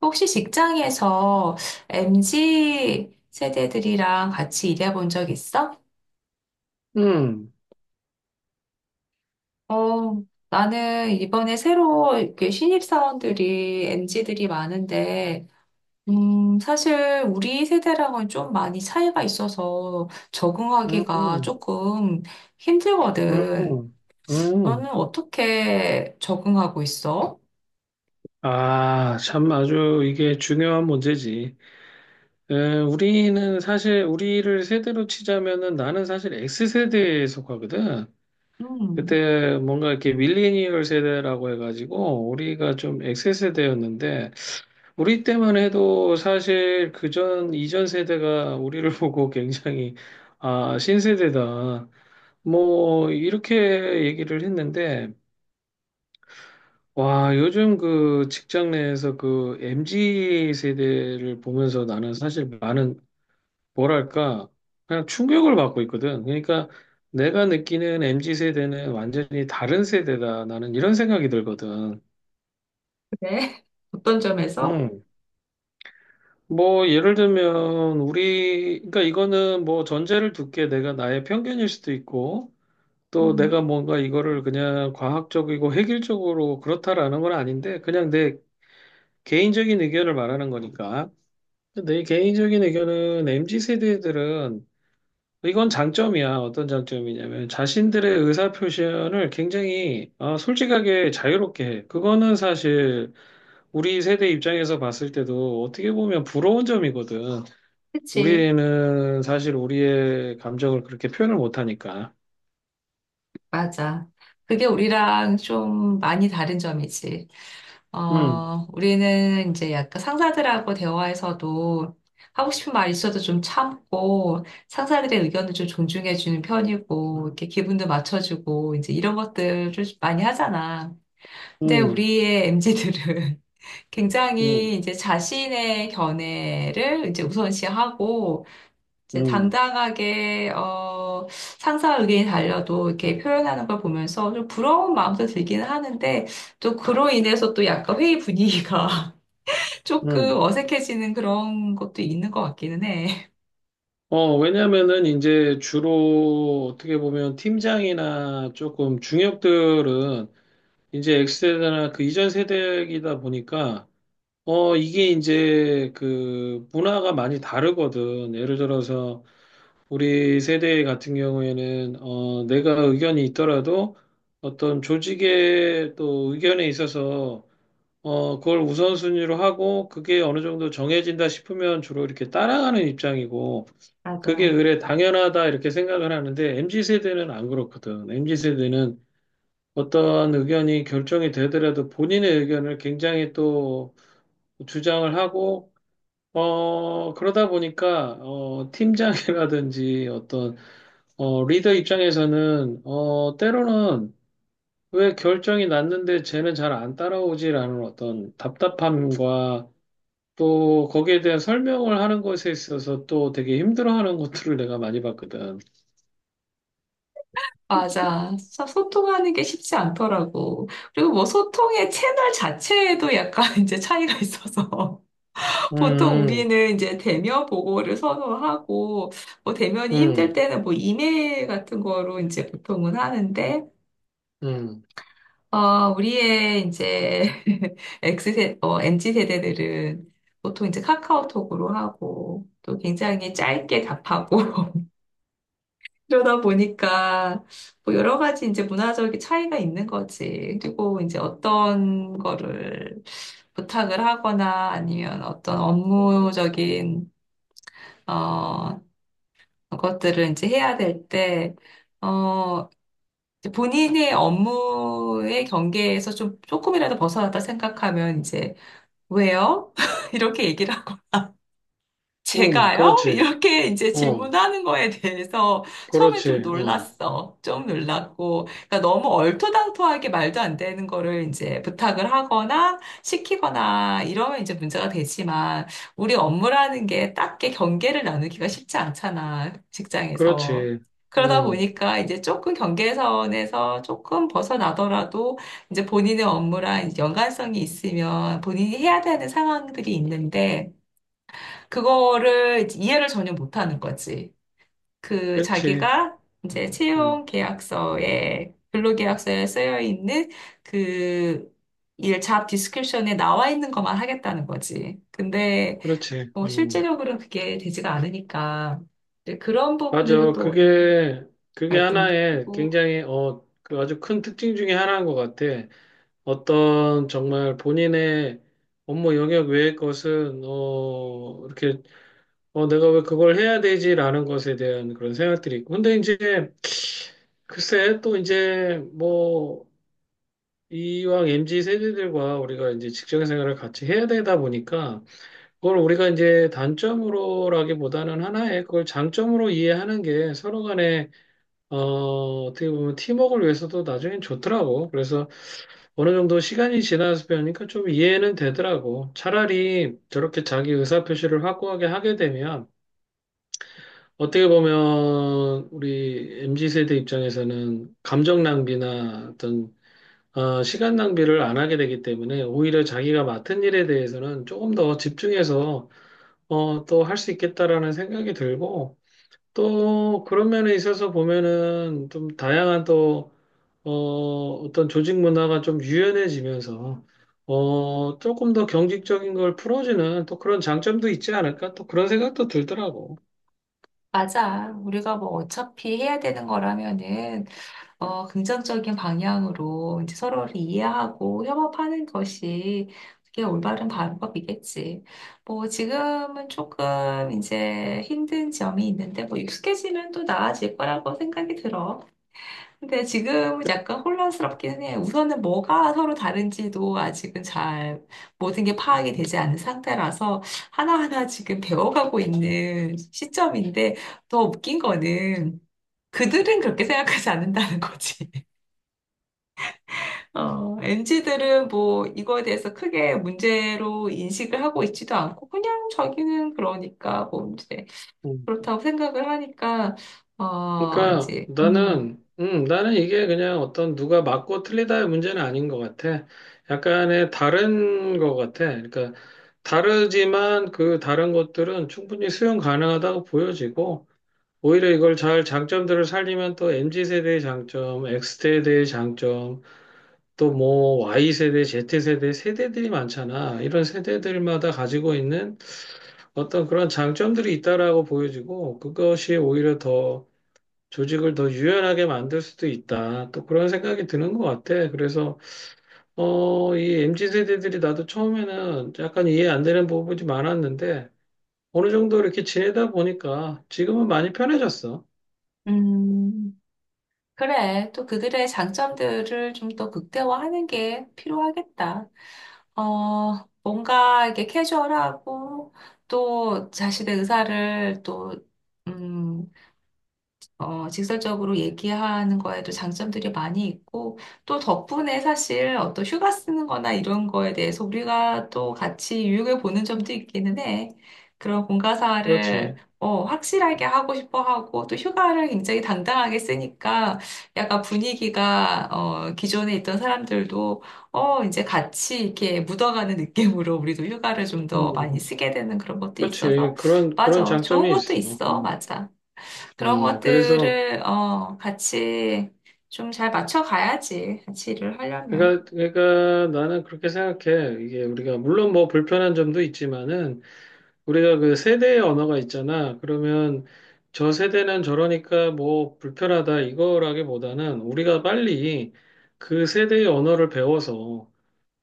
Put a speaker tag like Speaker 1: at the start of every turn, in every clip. Speaker 1: 혹시 직장에서 MZ 세대들이랑 같이 일해본 적 있어?
Speaker 2: 음,
Speaker 1: 어, 나는 이번에 새로 이렇게 신입사원들이 MZ들이 많은데, 사실 우리 세대랑은 좀 많이 차이가 있어서 적응하기가
Speaker 2: 음,
Speaker 1: 조금 힘들거든.
Speaker 2: 음,
Speaker 1: 너는
Speaker 2: 음.
Speaker 1: 어떻게 적응하고 있어?
Speaker 2: 아, 참 아주 이게 중요한 문제지. 우리는 사실 우리를 세대로 치자면은 나는 사실 X세대에 속하거든.
Speaker 1: 음,
Speaker 2: 그때 뭔가 이렇게 밀레니얼 세대라고 해가지고 우리가 좀 X세대였는데 우리 때만 해도 사실 그전 이전 세대가 우리를 보고 굉장히 아, 신세대다. 뭐 이렇게 얘기를 했는데 와, 요즘 그 직장 내에서 그 MZ 세대를 보면서 나는 사실 많은, 뭐랄까, 그냥 충격을 받고 있거든. 그러니까 내가 느끼는 MZ 세대는 완전히 다른 세대다. 나는 이런 생각이 들거든.
Speaker 1: 그래? 어떤 점에서?
Speaker 2: 음. 뭐, 예를 들면, 우리, 그러니까 이거는 뭐 전제를 두게 내가 나의 편견일 수도 있고, 또
Speaker 1: 음,
Speaker 2: 내가 뭔가 이거를 그냥 과학적이고 획일적으로 그렇다라는 건 아닌데, 그냥 내 개인적인 의견을 말하는 거니까. 내 개인적인 의견은 MZ 세대들은 이건 장점이야. 어떤 장점이냐면 자신들의 의사 표현을 굉장히 솔직하게 자유롭게 해. 그거는 사실 우리 세대 입장에서 봤을 때도 어떻게 보면 부러운 점이거든.
Speaker 1: 그치.
Speaker 2: 우리는 사실 우리의 감정을 그렇게 표현을 못하니까.
Speaker 1: 맞아. 그게 우리랑 좀 많이 다른 점이지.
Speaker 2: 음,
Speaker 1: 우리는 이제 약간 상사들하고 대화에서도 하고 싶은 말 있어도 좀 참고, 상사들의 의견을 좀 존중해주는 편이고, 이렇게 기분도 맞춰주고, 이제 이런 것들을 좀 많이 하잖아. 근데
Speaker 2: 음,
Speaker 1: 우리의 m 지들은
Speaker 2: 음,
Speaker 1: 굉장히 이제 자신의 견해를 이제 우선시하고, 이제
Speaker 2: 음,
Speaker 1: 당당하게 상사 의견이 달려도 이렇게 표현하는 걸 보면서 좀 부러운 마음도 들기는 하는데 또 그로 인해서 또 약간 회의 분위기가 조금
Speaker 2: 음.
Speaker 1: 어색해지는 그런 것도 있는 것 같기는 해.
Speaker 2: 왜냐면은 이제 주로 어떻게 보면 팀장이나 조금 중역들은 이제 X세대나 그 이전 세대이다 보니까, 이게 이제 그 문화가 많이 다르거든. 예를 들어서 우리 세대 같은 경우에는, 내가 의견이 있더라도 어떤 조직의 또 의견에 있어서, 그걸 우선순위로 하고 그게 어느 정도 정해진다 싶으면 주로 이렇게 따라가는 입장이고, 그게
Speaker 1: 맞아.
Speaker 2: 그래 당연하다 이렇게 생각을 하는데, MZ 세대는 안 그렇거든. MZ 세대는 어떤 의견이 결정이 되더라도 본인의 의견을 굉장히 또 주장을 하고, 그러다 보니까, 팀장이라든지 어떤, 리더 입장에서는, 때로는 왜 결정이 났는데 쟤는 잘 안 따라오지라는 어떤 답답함과 또 거기에 대한 설명을 하는 것에 있어서 또 되게 힘들어하는 것들을 내가 많이 봤거든.
Speaker 1: 맞아. 진짜 소통하는 게 쉽지 않더라고. 그리고 뭐 소통의 채널 자체에도 약간 이제 차이가 있어서. 보통
Speaker 2: 음,
Speaker 1: 우리는 이제 대면 보고를 선호하고, 뭐 대면이 힘들
Speaker 2: 음,
Speaker 1: 때는 뭐 이메일 같은 거로 이제 보통은 하는데,
Speaker 2: 음,
Speaker 1: 우리의 이제 MZ 세대들은 보통 이제 카카오톡으로 하고 또 굉장히 짧게 답하고 그러다 보니까 뭐 여러 가지 이제 문화적인 차이가 있는 거지. 그리고 이제 어떤 거를 부탁을 하거나 아니면 어떤 업무적인 어, 것들을 이제 해야 될 때, 어, 본인의 업무의 경계에서 좀 조금이라도 벗어났다 생각하면 이제 왜요? 이렇게 얘기를. 제가요?
Speaker 2: 그렇지.
Speaker 1: 이렇게 이제
Speaker 2: 어,
Speaker 1: 질문하는 거에 대해서 처음에 좀
Speaker 2: 그렇지. 어.
Speaker 1: 놀랐어. 좀 놀랐고. 그러니까 너무 얼토당토하게 말도 안 되는 거를 이제 부탁을 하거나 시키거나 이러면 이제 문제가 되지만 우리 업무라는 게 딱히 경계를 나누기가 쉽지 않잖아. 직장에서.
Speaker 2: 그렇지.
Speaker 1: 그러다
Speaker 2: 음,
Speaker 1: 보니까 이제 조금 경계선에서 조금 벗어나더라도 이제 본인의 업무랑 연관성이 있으면 본인이 해야 되는 상황들이 있는데 그거를 이해를 전혀 못하는 거지. 그
Speaker 2: 그렇지.
Speaker 1: 자기가 이제
Speaker 2: 음, 음,
Speaker 1: 채용 계약서에 근로계약서에 쓰여 있는 그 일 잡 디스크립션에 나와 있는 것만 하겠다는 거지. 근데
Speaker 2: 그렇지.
Speaker 1: 실제적으로는 그게 되지가 않으니까 이제 그런 부분에서
Speaker 2: 맞아.
Speaker 1: 또 오는
Speaker 2: 그게
Speaker 1: 갈등도
Speaker 2: 하나의
Speaker 1: 크고
Speaker 2: 굉장히, 그 아주 큰 특징 중에 하나인 것 같아. 어떤 정말 본인의 업무 영역 외의 것은, 이렇게, 내가 왜 그걸 해야 되지라는 것에 대한 그런 생각들이 있고. 근데 이제, 글쎄, 또 이제, 뭐, 이왕 MZ 세대들과 우리가 이제 직장 생활을 같이 해야 되다 보니까, 그걸 우리가 이제 단점으로라기보다는 하나의 그걸 장점으로 이해하는 게 서로 간에 어떻게 보면 팀워크를 위해서도 나중엔 좋더라고. 그래서 어느 정도 시간이 지나서 배우니까 좀 이해는 되더라고. 차라리 저렇게 자기 의사표시를 확고하게 하게 되면 어떻게 보면 우리 MZ 세대 입장에서는 감정 낭비나 어떤 시간 낭비를 안 하게 되기 때문에 오히려 자기가 맡은 일에 대해서는 조금 더 집중해서 또 할 수 있겠다라는 생각이 들고, 또 그런 면에 있어서 보면은 좀 다양한 또, 어, 어떤 조직 문화가 좀 유연해지면서, 조금 더 경직적인 걸 풀어주는 또 그런 장점도 있지 않을까? 또 그런 생각도 들더라고.
Speaker 1: 맞아. 우리가 뭐 어차피 해야 되는 거라면은 긍정적인 방향으로 이제 서로를 이해하고 협업하는 것이 그게 올바른 방법이겠지. 뭐 지금은 조금 이제 힘든 점이 있는데 뭐 익숙해지면 또 나아질 거라고 생각이 들어. 근데 지금은 약간 혼란스럽기는 해. 우선은 뭐가 서로 다른지도 아직은 잘 모든 게 파악이 되지 않은 상태라서 하나하나 지금 배워가고 있는 시점인데 더 웃긴 거는 그들은 그렇게 생각하지 않는다는 거지. MZ들은 뭐 이거에 대해서 크게 문제로 인식을 하고 있지도 않고 그냥 저기는 그러니까 뭐 이제
Speaker 2: 음.
Speaker 1: 그렇다고 생각을 하니까 어
Speaker 2: 그러니까
Speaker 1: 이제 음,
Speaker 2: 나는 이게 그냥 어떤 누가 맞고 틀리다의 문제는 아닌 것 같아. 약간의 다른 것 같아. 그러니까 다르지만 그 다른 것들은 충분히 수용 가능하다고 보여지고 오히려 이걸 잘 장점들을 살리면 또 MZ 세대의 장점, X 세대의 장점, 또 뭐 Y 세대, Z 세대 세대들이 많잖아. 이런 세대들마다 가지고 있는 어떤 그런 장점들이 있다라고 보여지고 그것이 오히려 더 조직을 더 유연하게 만들 수도 있다. 또 그런 생각이 드는 것 같아. 그래서, 이 MZ 세대들이 나도 처음에는 약간 이해 안 되는 부분이 많았는데, 어느 정도 이렇게 지내다 보니까 지금은 많이 편해졌어.
Speaker 1: 음 그래 또 그들의 장점들을 좀 더 극대화하는 게 필요하겠다. 뭔가 이렇게 캐주얼하고 또 자신의 의사를 또, 음, 직설적으로 얘기하는 거에도 장점들이 많이 있고, 또 덕분에 사실 어떤 휴가 쓰는 거나 이런 거에 대해서 우리가 또 같이 유익을 보는 점도 있기는 해. 그런 공과사를
Speaker 2: 그렇지.
Speaker 1: 확실하게 하고 싶어 하고, 또 휴가를 굉장히 당당하게 쓰니까 약간 분위기가 기존에 있던 사람들도 이제 같이 이렇게 묻어가는 느낌으로 우리도 휴가를 좀 더 많이
Speaker 2: 음,
Speaker 1: 쓰게 되는 그런 것도 있어서,
Speaker 2: 그렇지. 그런
Speaker 1: 맞아. 좋은
Speaker 2: 장점이
Speaker 1: 것도
Speaker 2: 있어.
Speaker 1: 있어. 맞아. 그런
Speaker 2: 그래서,
Speaker 1: 것들을 같이 좀 잘 맞춰 가야지. 같이 일을 하려면.
Speaker 2: 그러니까 나는 그렇게 생각해. 이게 우리가, 물론 뭐 불편한 점도 있지만은, 우리가 그 세대의 언어가 있잖아. 그러면 저 세대는 저러니까 뭐 불편하다 이거라기보다는 우리가 빨리 그 세대의 언어를 배워서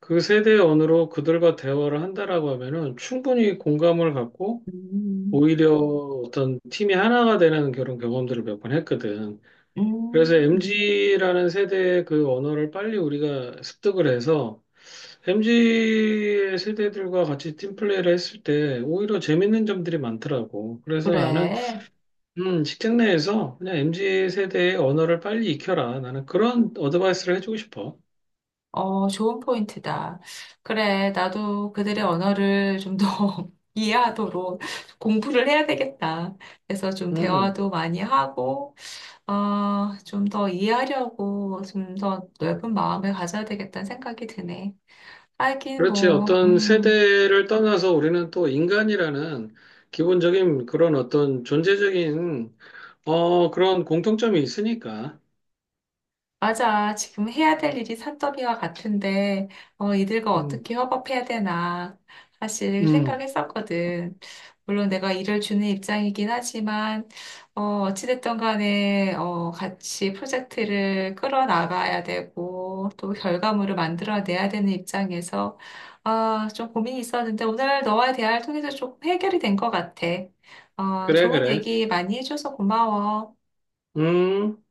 Speaker 2: 그 세대의 언어로 그들과 대화를 한다라고 하면은 충분히 공감을 갖고
Speaker 1: 음,
Speaker 2: 오히려 어떤 팀이 하나가 되는 그런 경험들을 몇 번 했거든. 그래서
Speaker 1: 음,
Speaker 2: MG라는 세대의 그 언어를 빨리 우리가 습득을 해서 MZ 세대들과 같이 팀플레이를 했을 때 오히려 재밌는 점들이 많더라고. 그래서 나는
Speaker 1: 그래.
Speaker 2: 직장 내에서 그냥 MZ 세대의 언어를 빨리 익혀라. 나는 그런 어드바이스를 해주고 싶어.
Speaker 1: 어, 좋은 포인트다. 그래. 나도 그들의 언어를 좀 더 이해하도록 공부를 해야 되겠다. 그래서 좀
Speaker 2: 음,
Speaker 1: 대화도 많이 하고, 좀 더 이해하려고 좀 더 넓은 마음을 가져야 되겠다는 생각이 드네. 하긴
Speaker 2: 그렇지.
Speaker 1: 뭐,
Speaker 2: 어떤 세대를 떠나서 우리는 또 인간이라는 기본적인 그런 어떤 존재적인 그런 공통점이 있으니까.
Speaker 1: 맞아. 지금 해야 될 일이 산더미와 같은데, 이들과
Speaker 2: 음,
Speaker 1: 어떻게 협업해야 되나, 사실
Speaker 2: 음,
Speaker 1: 생각했었거든. 물론 내가 일을 주는 입장이긴 하지만, 어찌됐든 간에, 같이 프로젝트를 끌어나가야 되고, 또 결과물을 만들어내야 되는 입장에서, 좀 고민이 있었는데, 오늘 너와 대화를 통해서 조금 해결이 된 것 같아.
Speaker 2: 그래,
Speaker 1: 좋은
Speaker 2: 그래.
Speaker 1: 얘기 많이 해줘서 고마워.
Speaker 2: 음.